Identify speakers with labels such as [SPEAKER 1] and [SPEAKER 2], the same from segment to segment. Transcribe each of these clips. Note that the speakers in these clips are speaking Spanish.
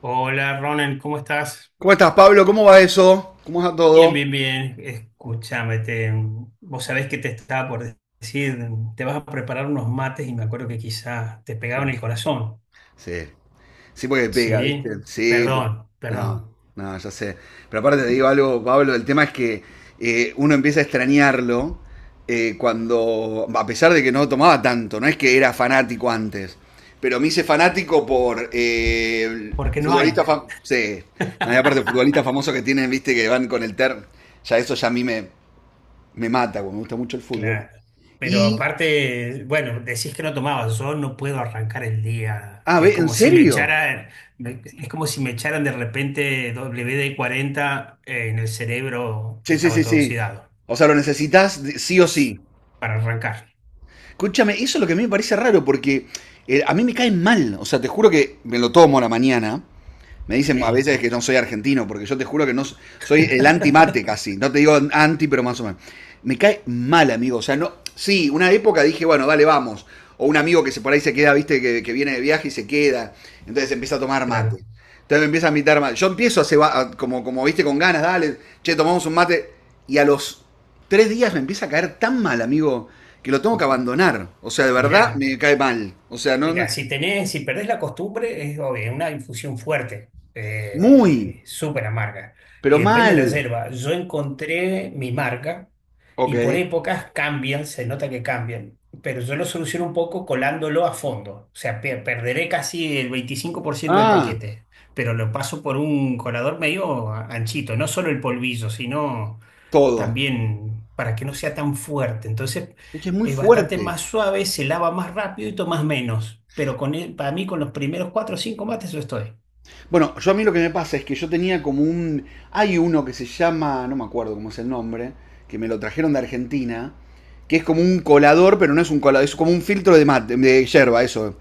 [SPEAKER 1] Hola Ronan, ¿cómo estás?
[SPEAKER 2] ¿Cómo estás, Pablo? ¿Cómo va eso? ¿Cómo va
[SPEAKER 1] Bien,
[SPEAKER 2] todo?
[SPEAKER 1] bien, bien. Escúchame, vos sabés que te estaba por decir, te vas a preparar unos mates y me acuerdo que quizás te pegaban el corazón.
[SPEAKER 2] Sí, sí, porque pega, ¿viste?
[SPEAKER 1] Sí, perdón,
[SPEAKER 2] No,
[SPEAKER 1] perdón,
[SPEAKER 2] no, ya sé. Pero aparte te digo algo, Pablo, el tema es que uno empieza a extrañarlo cuando, a pesar de que no tomaba tanto, no es que era fanático antes, pero me hice fanático por el
[SPEAKER 1] porque no hay.
[SPEAKER 2] futbolista, sí, no, y aparte futbolistas famosos que tienen, ¿viste? Que van con el ter, ya eso ya a mí me mata, porque me gusta mucho el fútbol.
[SPEAKER 1] Claro. Pero
[SPEAKER 2] Y,
[SPEAKER 1] aparte, bueno, decís que no tomabas, yo no puedo arrancar el día.
[SPEAKER 2] ah,
[SPEAKER 1] Es
[SPEAKER 2] ve, ¿en
[SPEAKER 1] como si me
[SPEAKER 2] serio?
[SPEAKER 1] echaran, es como si me echaran de repente WD-40 en el cerebro que
[SPEAKER 2] Sí, sí,
[SPEAKER 1] estaba
[SPEAKER 2] sí,
[SPEAKER 1] todo
[SPEAKER 2] sí.
[SPEAKER 1] oxidado.
[SPEAKER 2] O sea, lo necesitas sí o
[SPEAKER 1] s-
[SPEAKER 2] sí.
[SPEAKER 1] para arrancar.
[SPEAKER 2] Escúchame, eso es lo que a mí me parece raro porque a mí me caen mal. O sea, te juro que me lo tomo a la mañana. Me dicen a
[SPEAKER 1] Sí,
[SPEAKER 2] veces que no soy argentino, porque yo te juro que no soy el anti-mate casi. No te digo anti, pero más o menos. Me cae mal, amigo. O sea, no. Sí, una época dije, bueno, dale, vamos. O un amigo que se por ahí se queda, viste, que viene de viaje y se queda. Entonces empieza a tomar mate.
[SPEAKER 1] claro.
[SPEAKER 2] Entonces me empieza a invitar mate. Yo empiezo a, como, viste, con ganas, dale, che, tomamos un mate. Y a los 3 días me empieza a caer tan mal, amigo, que lo tengo que abandonar. O sea, de verdad
[SPEAKER 1] Mirá,
[SPEAKER 2] me cae mal. O sea, no,
[SPEAKER 1] mirá, si tenés, si perdés la costumbre, es obvio, una infusión fuerte,
[SPEAKER 2] muy,
[SPEAKER 1] súper amarga. Y
[SPEAKER 2] pero
[SPEAKER 1] depende de la
[SPEAKER 2] mal.
[SPEAKER 1] yerba. Yo encontré mi marca
[SPEAKER 2] Ok.
[SPEAKER 1] y por épocas cambian, se nota que cambian. Pero yo lo soluciono un poco colándolo a fondo. O sea, perderé casi el 25% del
[SPEAKER 2] Ah,
[SPEAKER 1] paquete, pero lo paso por un colador medio anchito, no solo el polvillo, sino
[SPEAKER 2] todo.
[SPEAKER 1] también para que no sea tan fuerte. Entonces
[SPEAKER 2] Es que es muy
[SPEAKER 1] es bastante
[SPEAKER 2] fuerte.
[SPEAKER 1] más suave, se lava más rápido y tomas menos. Pero con para mí con los primeros cuatro o cinco mates yo estoy.
[SPEAKER 2] Bueno, yo a mí lo que me pasa es que yo tenía como un... Hay uno que se llama, no me acuerdo cómo es el nombre, que me lo trajeron de Argentina, que es como un colador, pero no es un colador, es como un filtro de mate, de yerba, eso.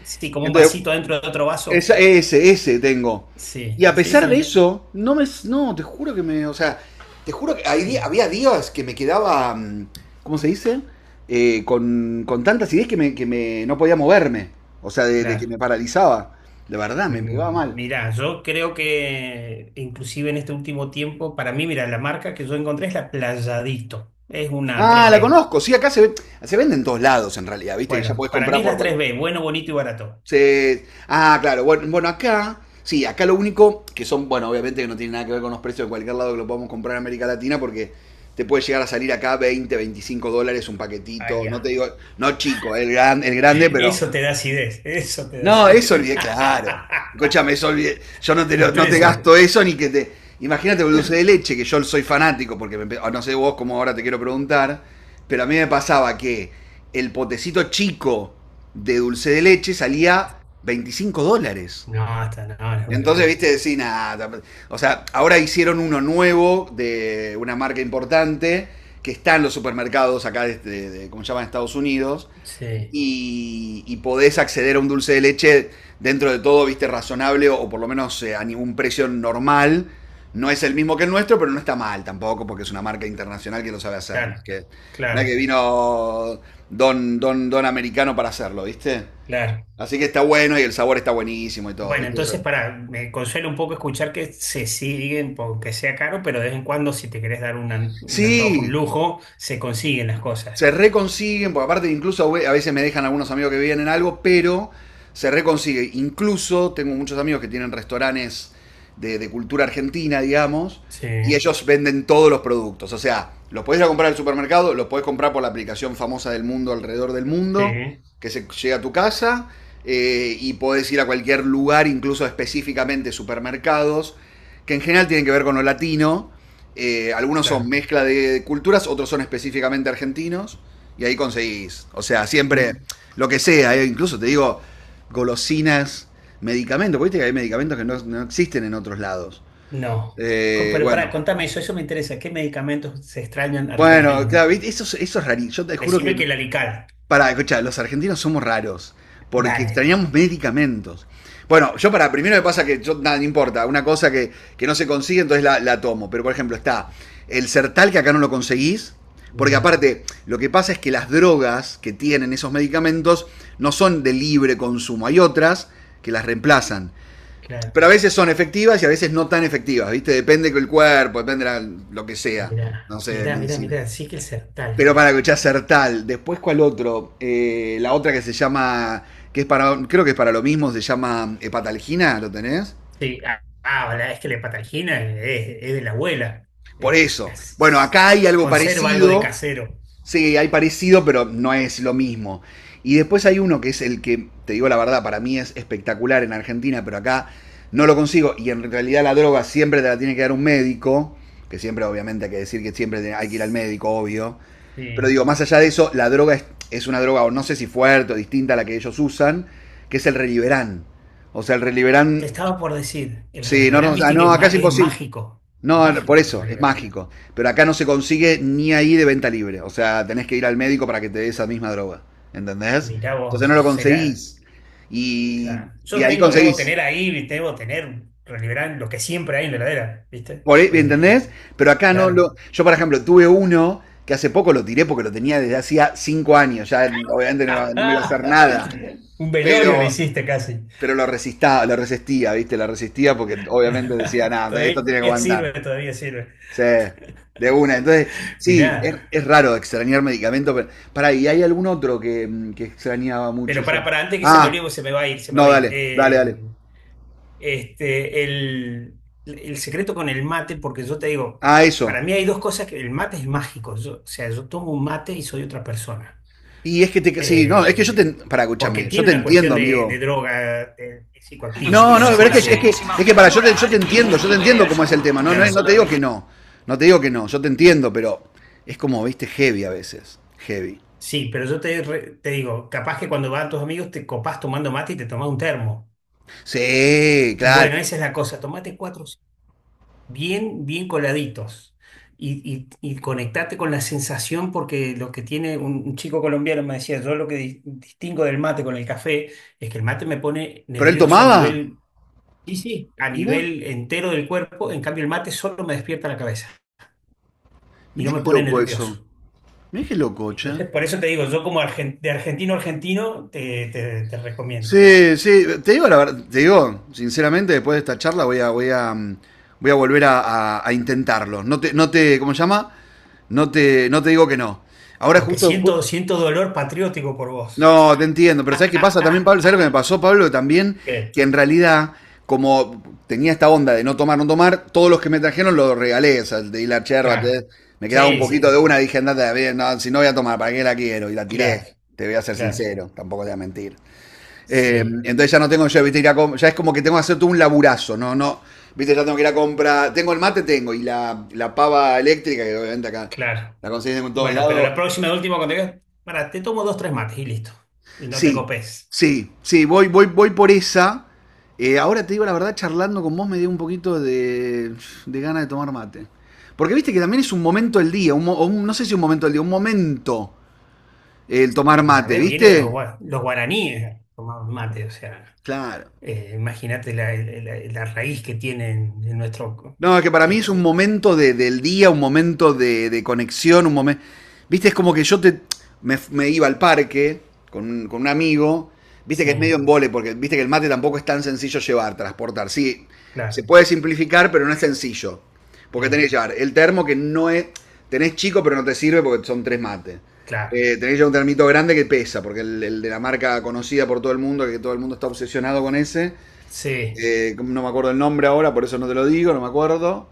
[SPEAKER 1] Sí, como un
[SPEAKER 2] Entonces,
[SPEAKER 1] vasito dentro de otro vaso.
[SPEAKER 2] ese tengo. Y
[SPEAKER 1] Sí,
[SPEAKER 2] a
[SPEAKER 1] sí,
[SPEAKER 2] pesar de
[SPEAKER 1] sí.
[SPEAKER 2] eso, no me. No, te juro que me. O sea, te juro que hay
[SPEAKER 1] Y
[SPEAKER 2] había días que me quedaba. ¿Cómo se dice? Con, tantas ideas que no podía moverme. O sea, de que
[SPEAKER 1] claro.
[SPEAKER 2] me paralizaba. De verdad, me pegaba mal.
[SPEAKER 1] Mirá, yo creo que inclusive en este último tiempo, para mí, mira, la marca que yo encontré es la Playadito. Es una tres
[SPEAKER 2] Ah, la
[SPEAKER 1] b.
[SPEAKER 2] conozco. Sí, acá se vende en todos lados, en realidad. Viste que ya
[SPEAKER 1] Bueno,
[SPEAKER 2] podés
[SPEAKER 1] para mí
[SPEAKER 2] comprar
[SPEAKER 1] es la
[SPEAKER 2] por
[SPEAKER 1] tres b, bueno, bonito y barato.
[SPEAKER 2] Ah, claro. Bueno, bueno, acá, sí, acá lo único que son, bueno, obviamente que no tiene nada que ver con los precios de cualquier lado que lo podamos comprar en América Latina, porque te puede llegar a salir acá 20 25 dólares un paquetito. No te
[SPEAKER 1] Allá.
[SPEAKER 2] digo, no chico, el grande, pero
[SPEAKER 1] Eso te da acidez, eso te da
[SPEAKER 2] no,
[SPEAKER 1] acidez.
[SPEAKER 2] eso olvidé, claro. Escúchame, eso olvidé. Yo no te,
[SPEAKER 1] El
[SPEAKER 2] no te
[SPEAKER 1] precio.
[SPEAKER 2] gasto eso ni que te. Imagínate el dulce de leche, que yo soy fanático, porque me ah, no sé vos cómo ahora te quiero preguntar, pero a mí me pasaba que el potecito chico de dulce de leche salía 25 dólares.
[SPEAKER 1] No, está, no, es una
[SPEAKER 2] Entonces,
[SPEAKER 1] locura.
[SPEAKER 2] viste, decís, nada. O sea, ahora hicieron uno nuevo de una marca importante que está en los supermercados acá, ¿cómo se llama? En Estados Unidos,
[SPEAKER 1] Sí,
[SPEAKER 2] y, podés acceder a un dulce de leche dentro de todo, viste, razonable, o, por lo menos a ningún precio normal. No es el mismo que el nuestro, pero no está mal tampoco, porque es una marca internacional que lo sabe hacer, ¿no?
[SPEAKER 1] claro,
[SPEAKER 2] Que no es que
[SPEAKER 1] claro,
[SPEAKER 2] vino don, don, don americano para hacerlo, ¿viste?
[SPEAKER 1] claro.
[SPEAKER 2] Así que está bueno y el sabor está buenísimo y todo,
[SPEAKER 1] Bueno,
[SPEAKER 2] ¿viste?
[SPEAKER 1] entonces para, me consuela un poco escuchar que se siguen, aunque sea caro, pero de vez en cuando, si te querés dar un, un antojo, un
[SPEAKER 2] Sí,
[SPEAKER 1] lujo, se consiguen las
[SPEAKER 2] se
[SPEAKER 1] cosas.
[SPEAKER 2] reconsiguen, porque aparte incluso a veces me dejan algunos amigos que vienen algo, pero se reconsigue. Incluso tengo muchos amigos que tienen restaurantes de cultura argentina, digamos,
[SPEAKER 1] Sí,
[SPEAKER 2] y ellos venden todos los productos. O sea, los podés ir a comprar al supermercado, los podés comprar por la aplicación famosa del mundo alrededor del mundo,
[SPEAKER 1] sí,
[SPEAKER 2] que se llega a tu casa, y podés ir a cualquier lugar, incluso específicamente supermercados, que en general tienen que ver con lo latino. Algunos son
[SPEAKER 1] claro.
[SPEAKER 2] mezcla de culturas, otros son específicamente argentinos. Y ahí conseguís. O sea,
[SPEAKER 1] Mm,
[SPEAKER 2] siempre lo que sea. Incluso te digo golosinas, medicamentos. Porque viste que hay medicamentos que no existen en otros lados.
[SPEAKER 1] No. Pero para,
[SPEAKER 2] Bueno.
[SPEAKER 1] contame eso, eso me interesa. ¿Qué medicamentos se extrañan
[SPEAKER 2] Bueno,
[SPEAKER 1] argentinos?
[SPEAKER 2] claro, ¿viste? Eso es rarísimo. Yo te juro que
[SPEAKER 1] Decime que el alical.
[SPEAKER 2] para, escucha, los argentinos somos raros, porque
[SPEAKER 1] Dale.
[SPEAKER 2] extrañamos medicamentos. Bueno, yo para, primero me pasa que yo, nada, no importa, una cosa que, no se consigue, entonces la tomo. Pero, por ejemplo, está el Sertal, que acá no lo conseguís, porque
[SPEAKER 1] Mira,
[SPEAKER 2] aparte, lo que pasa es que las drogas que tienen esos medicamentos no son de libre consumo, hay otras que las reemplazan.
[SPEAKER 1] claro.
[SPEAKER 2] Pero a veces son efectivas y a veces no tan efectivas, ¿viste? Depende del cuerpo, depende de lo que sea, no
[SPEAKER 1] Mirá,
[SPEAKER 2] sé, de
[SPEAKER 1] mirá, mirá,
[SPEAKER 2] medicina.
[SPEAKER 1] mirá, sí que el
[SPEAKER 2] Pero
[SPEAKER 1] Sertal.
[SPEAKER 2] para escuchar Sertal, después cuál otro, la otra que se llama, que es para, creo que es para lo mismo, se llama Hepatalgina, ¿lo tenés?
[SPEAKER 1] Sí, ah, ah, es que la patagina, es de la abuela.
[SPEAKER 2] Por eso. Bueno, acá hay algo
[SPEAKER 1] Conserva algo de
[SPEAKER 2] parecido,
[SPEAKER 1] casero.
[SPEAKER 2] sí, hay parecido, pero no es lo mismo. Y después hay uno que es el que, te digo la verdad, para mí es espectacular en Argentina, pero acá no lo consigo. Y en realidad la droga siempre te la tiene que dar un médico, que siempre obviamente hay que decir que siempre hay que ir al médico, obvio. Pero
[SPEAKER 1] Sí.
[SPEAKER 2] digo, más allá de eso, la droga es una droga, o no sé si fuerte o distinta a la que ellos usan, que es el reliberán. O sea, el
[SPEAKER 1] Te
[SPEAKER 2] reliberán.
[SPEAKER 1] estaba por decir, el
[SPEAKER 2] Sí, no,
[SPEAKER 1] Reliberán,
[SPEAKER 2] no, ah,
[SPEAKER 1] viste que
[SPEAKER 2] no,
[SPEAKER 1] es,
[SPEAKER 2] acá es
[SPEAKER 1] es
[SPEAKER 2] imposible.
[SPEAKER 1] mágico.
[SPEAKER 2] No, por
[SPEAKER 1] Mágico el
[SPEAKER 2] eso, es
[SPEAKER 1] Reliberán.
[SPEAKER 2] mágico. Pero acá no se consigue ni ahí de venta libre. O sea, tenés que ir al médico para que te dé esa misma droga. ¿Entendés?
[SPEAKER 1] Mirá vos,
[SPEAKER 2] Entonces no lo
[SPEAKER 1] será.
[SPEAKER 2] conseguís. Y,
[SPEAKER 1] Claro. Yo
[SPEAKER 2] ahí
[SPEAKER 1] tengo, debo
[SPEAKER 2] conseguís.
[SPEAKER 1] tener ahí, debo tener Reliberán, lo que siempre hay en la heladera, ¿viste?
[SPEAKER 2] Por, ¿entendés? Pero acá no
[SPEAKER 1] Claro.
[SPEAKER 2] lo. Yo, por ejemplo, tuve uno que hace poco lo tiré porque lo tenía desde hacía 5 años. Ya obviamente no me iba a hacer nada.
[SPEAKER 1] Un velorio le
[SPEAKER 2] pero,
[SPEAKER 1] hiciste casi.
[SPEAKER 2] pero lo resistía, ¿viste? Lo resistía porque obviamente decía, nada,
[SPEAKER 1] Todavía
[SPEAKER 2] esto tiene que
[SPEAKER 1] sirve,
[SPEAKER 2] aguantar.
[SPEAKER 1] todavía sirve.
[SPEAKER 2] Sí, de una. Entonces, sí, es,
[SPEAKER 1] Mirá,
[SPEAKER 2] es raro extrañar medicamento, pero. Pará, ¿y hay algún otro que, que extrañaba mucho
[SPEAKER 1] pero
[SPEAKER 2] yo?
[SPEAKER 1] para antes que se me
[SPEAKER 2] Ah,
[SPEAKER 1] olvide, porque se me va a ir, se me va
[SPEAKER 2] no,
[SPEAKER 1] a ir.
[SPEAKER 2] dale, dale, dale.
[SPEAKER 1] Este, el, el secreto con el mate, porque yo te digo,
[SPEAKER 2] Ah, eso.
[SPEAKER 1] para mí hay dos cosas que el mate es mágico. O sea, yo tomo un mate y soy otra persona.
[SPEAKER 2] Y es que te. Sí, no, es que yo
[SPEAKER 1] Eh,
[SPEAKER 2] te. Para,
[SPEAKER 1] Porque
[SPEAKER 2] escúchame, yo
[SPEAKER 1] tiene
[SPEAKER 2] te
[SPEAKER 1] una cuestión
[SPEAKER 2] entiendo,
[SPEAKER 1] de
[SPEAKER 2] amigo.
[SPEAKER 1] droga psicoactiva,
[SPEAKER 2] No,
[SPEAKER 1] por
[SPEAKER 2] no,
[SPEAKER 1] así
[SPEAKER 2] pero es que, es que,
[SPEAKER 1] decir.
[SPEAKER 2] es que para, yo te entiendo cómo es el tema. No, no, no
[SPEAKER 1] Claro.
[SPEAKER 2] te digo que no. No te digo que no, yo te entiendo, pero es como, viste, heavy a veces. Heavy.
[SPEAKER 1] Sí, pero yo te, te digo, capaz que cuando van tus amigos te copás tomando mate y te tomás un termo.
[SPEAKER 2] Sí, claro.
[SPEAKER 1] Bueno, esa es la cosa. Tomate cuatro bien, bien coladitos. Y conectate con la sensación, porque lo que tiene un chico colombiano me decía, yo lo que distingo del mate con el café es que el mate me pone
[SPEAKER 2] Pero él
[SPEAKER 1] nervioso a
[SPEAKER 2] tomaba.
[SPEAKER 1] nivel, sí, sí, a
[SPEAKER 2] Mirá,
[SPEAKER 1] nivel entero del cuerpo, en cambio el mate solo me despierta la cabeza y no
[SPEAKER 2] mirá
[SPEAKER 1] me
[SPEAKER 2] qué
[SPEAKER 1] pone
[SPEAKER 2] loco eso.
[SPEAKER 1] nervioso.
[SPEAKER 2] Mirá qué loco, che.
[SPEAKER 1] Entonces, por eso te digo, yo como de argentino a argentino te recomiendo,
[SPEAKER 2] Sí, sí, te digo la verdad, te digo, sinceramente, después de esta charla voy a volver a, a intentarlo. No te, no te, ¿cómo se llama? No te, no te digo que no. Ahora
[SPEAKER 1] porque
[SPEAKER 2] justo,
[SPEAKER 1] siento, siento dolor patriótico por vos.
[SPEAKER 2] no, te entiendo, pero ¿sabes qué pasa también, Pablo? ¿Sabes lo que me pasó, Pablo? También
[SPEAKER 1] Sí,
[SPEAKER 2] que en realidad, como tenía esta onda de no tomar, no tomar, todos los que me trajeron los regalé, o sea, el de hilar yerba,
[SPEAKER 1] claro.
[SPEAKER 2] me quedaba un
[SPEAKER 1] Sí,
[SPEAKER 2] poquito de
[SPEAKER 1] sí,
[SPEAKER 2] una, dije, andate, a ver, no, si no voy a tomar, ¿para qué la quiero? Y la tiré,
[SPEAKER 1] claro,
[SPEAKER 2] te voy a ser
[SPEAKER 1] claro.
[SPEAKER 2] sincero, tampoco te voy a mentir.
[SPEAKER 1] Sí,
[SPEAKER 2] Entonces ya no tengo yo, viste, ya es como que tengo que hacer todo un laburazo, no, no, viste, ya tengo que ir a comprar, tengo el mate, tengo, y la pava eléctrica, que obviamente acá
[SPEAKER 1] claro.
[SPEAKER 2] la conseguís en todos
[SPEAKER 1] Bueno, pero la
[SPEAKER 2] lados.
[SPEAKER 1] próxima, última, cuando digas, para, te tomo dos, tres mates y listo. Y no te
[SPEAKER 2] Sí,
[SPEAKER 1] copes.
[SPEAKER 2] sí, sí, voy, voy, voy por esa. Ahora te digo la verdad, charlando con vos me dio un poquito de ganas de tomar mate. Porque viste que también es un momento del día, un, mo- o un- no sé si un momento del día, un momento el tomar
[SPEAKER 1] Y, a
[SPEAKER 2] mate,
[SPEAKER 1] ver, viene de los,
[SPEAKER 2] ¿viste?
[SPEAKER 1] los guaraníes, tomaban mate, o sea,
[SPEAKER 2] Claro.
[SPEAKER 1] imagínate la, la raíz que tienen en nuestro...
[SPEAKER 2] No, es que para mí es un
[SPEAKER 1] Este,
[SPEAKER 2] momento del día, un momento de conexión, un momento... Viste, es como que me iba al parque con con un amigo, viste que es medio
[SPEAKER 1] sí,
[SPEAKER 2] en porque viste que el mate tampoco es tan sencillo llevar, transportar. Sí, se
[SPEAKER 1] claro,
[SPEAKER 2] puede simplificar, pero no es sencillo. Porque tenés
[SPEAKER 1] sí,
[SPEAKER 2] que llevar el termo que no es... Tenés chico, pero no te sirve porque son tres mates.
[SPEAKER 1] claro.
[SPEAKER 2] Tenés que llevar un termito grande que pesa, porque el de la marca conocida por todo el mundo, que todo el mundo está obsesionado con ese,
[SPEAKER 1] Sí,
[SPEAKER 2] no me acuerdo el nombre ahora, por eso no te lo digo, no me acuerdo.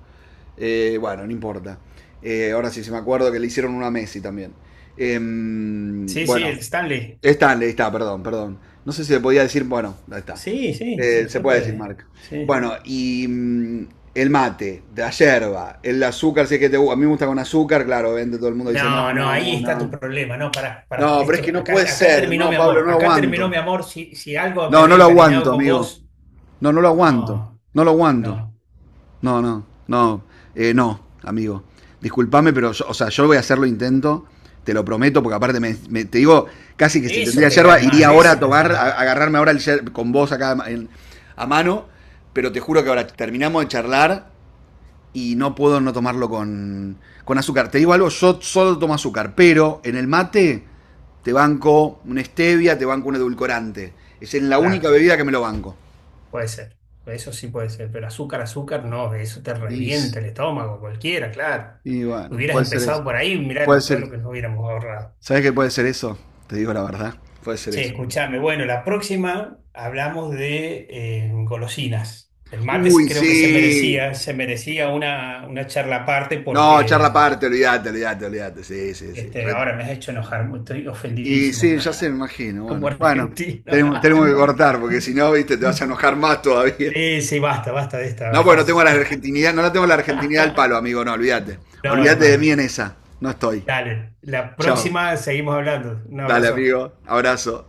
[SPEAKER 2] Bueno, no importa. Ahora sí, se me acuerdo que le hicieron una a Messi también.
[SPEAKER 1] sí, sí, el
[SPEAKER 2] Bueno,
[SPEAKER 1] Stanley.
[SPEAKER 2] Stanley, está, perdón, perdón. No sé si le podía decir, bueno, ahí está.
[SPEAKER 1] Sí, sí, se
[SPEAKER 2] Se
[SPEAKER 1] re
[SPEAKER 2] puede decir
[SPEAKER 1] puede.
[SPEAKER 2] marca.
[SPEAKER 1] Sí.
[SPEAKER 2] Bueno, y el mate, de la yerba, el azúcar, si es que te gusta. A mí me gusta con azúcar, claro, vende todo el mundo dice,
[SPEAKER 1] No,
[SPEAKER 2] no,
[SPEAKER 1] no,
[SPEAKER 2] no,
[SPEAKER 1] ahí
[SPEAKER 2] no,
[SPEAKER 1] está tu
[SPEAKER 2] no.
[SPEAKER 1] problema, no, para
[SPEAKER 2] No, pero es
[SPEAKER 1] esto,
[SPEAKER 2] que no
[SPEAKER 1] acá,
[SPEAKER 2] puede
[SPEAKER 1] acá
[SPEAKER 2] ser,
[SPEAKER 1] terminó
[SPEAKER 2] no,
[SPEAKER 1] mi
[SPEAKER 2] Pablo,
[SPEAKER 1] amor,
[SPEAKER 2] no lo
[SPEAKER 1] acá terminó mi
[SPEAKER 2] aguanto.
[SPEAKER 1] amor, si, si algo me
[SPEAKER 2] No,
[SPEAKER 1] había
[SPEAKER 2] no lo
[SPEAKER 1] encariñado
[SPEAKER 2] aguanto,
[SPEAKER 1] con
[SPEAKER 2] amigo.
[SPEAKER 1] vos,
[SPEAKER 2] No, no lo aguanto.
[SPEAKER 1] no,
[SPEAKER 2] No lo aguanto.
[SPEAKER 1] no,
[SPEAKER 2] No, no, no, no, amigo. Disculpame, pero yo, o sea, yo voy a hacerlo intento, te lo prometo, porque aparte me, te digo, casi que si
[SPEAKER 1] eso
[SPEAKER 2] tendría
[SPEAKER 1] te
[SPEAKER 2] yerba,
[SPEAKER 1] cae
[SPEAKER 2] iría
[SPEAKER 1] mal,
[SPEAKER 2] ahora
[SPEAKER 1] eso
[SPEAKER 2] a
[SPEAKER 1] te hace
[SPEAKER 2] tomar, a
[SPEAKER 1] mal,
[SPEAKER 2] agarrarme ahora el con vos acá en- a mano, pero te juro que ahora terminamos de charlar y no puedo no tomarlo con, azúcar. Te digo algo, yo solo tomo azúcar, pero en el mate te banco una stevia, te banco un edulcorante. Es en la única
[SPEAKER 1] claro,
[SPEAKER 2] bebida que me lo banco.
[SPEAKER 1] puede ser, eso sí puede ser, pero azúcar, azúcar, no, eso te
[SPEAKER 2] Y,
[SPEAKER 1] revienta el estómago, cualquiera, claro,
[SPEAKER 2] bueno,
[SPEAKER 1] hubieras
[SPEAKER 2] puede ser eso.
[SPEAKER 1] empezado por ahí,
[SPEAKER 2] Puede
[SPEAKER 1] mirá todo
[SPEAKER 2] ser.
[SPEAKER 1] lo que nos hubiéramos ahorrado.
[SPEAKER 2] ¿Sabes qué puede ser eso? Te digo la verdad. Puede ser
[SPEAKER 1] Che,
[SPEAKER 2] eso.
[SPEAKER 1] escúchame. Bueno, la próxima hablamos de golosinas. El mate sí
[SPEAKER 2] Uy,
[SPEAKER 1] creo que
[SPEAKER 2] sí.
[SPEAKER 1] se merecía una charla aparte
[SPEAKER 2] No, charla
[SPEAKER 1] porque
[SPEAKER 2] aparte, olvídate, olvídate, olvídate. Sí, sí, sí. Re-
[SPEAKER 1] ahora me has hecho enojar, estoy
[SPEAKER 2] Y
[SPEAKER 1] ofendidísimo
[SPEAKER 2] sí, ya se me imagino.
[SPEAKER 1] como
[SPEAKER 2] Bueno, bueno,
[SPEAKER 1] argentino.
[SPEAKER 2] tenemos que cortar porque si no, viste, te vas a enojar más todavía.
[SPEAKER 1] Sí, sí, basta, basta de esta
[SPEAKER 2] No, porque no tengo
[SPEAKER 1] farsa.
[SPEAKER 2] la argentinidad, no la tengo la argentinidad al palo, amigo, no, olvídate.
[SPEAKER 1] No,
[SPEAKER 2] Olvídate de
[SPEAKER 1] hermano.
[SPEAKER 2] mí en esa. No estoy.
[SPEAKER 1] Dale, la
[SPEAKER 2] Chao.
[SPEAKER 1] próxima seguimos hablando. Un
[SPEAKER 2] Dale,
[SPEAKER 1] abrazo.
[SPEAKER 2] amigo. Abrazo.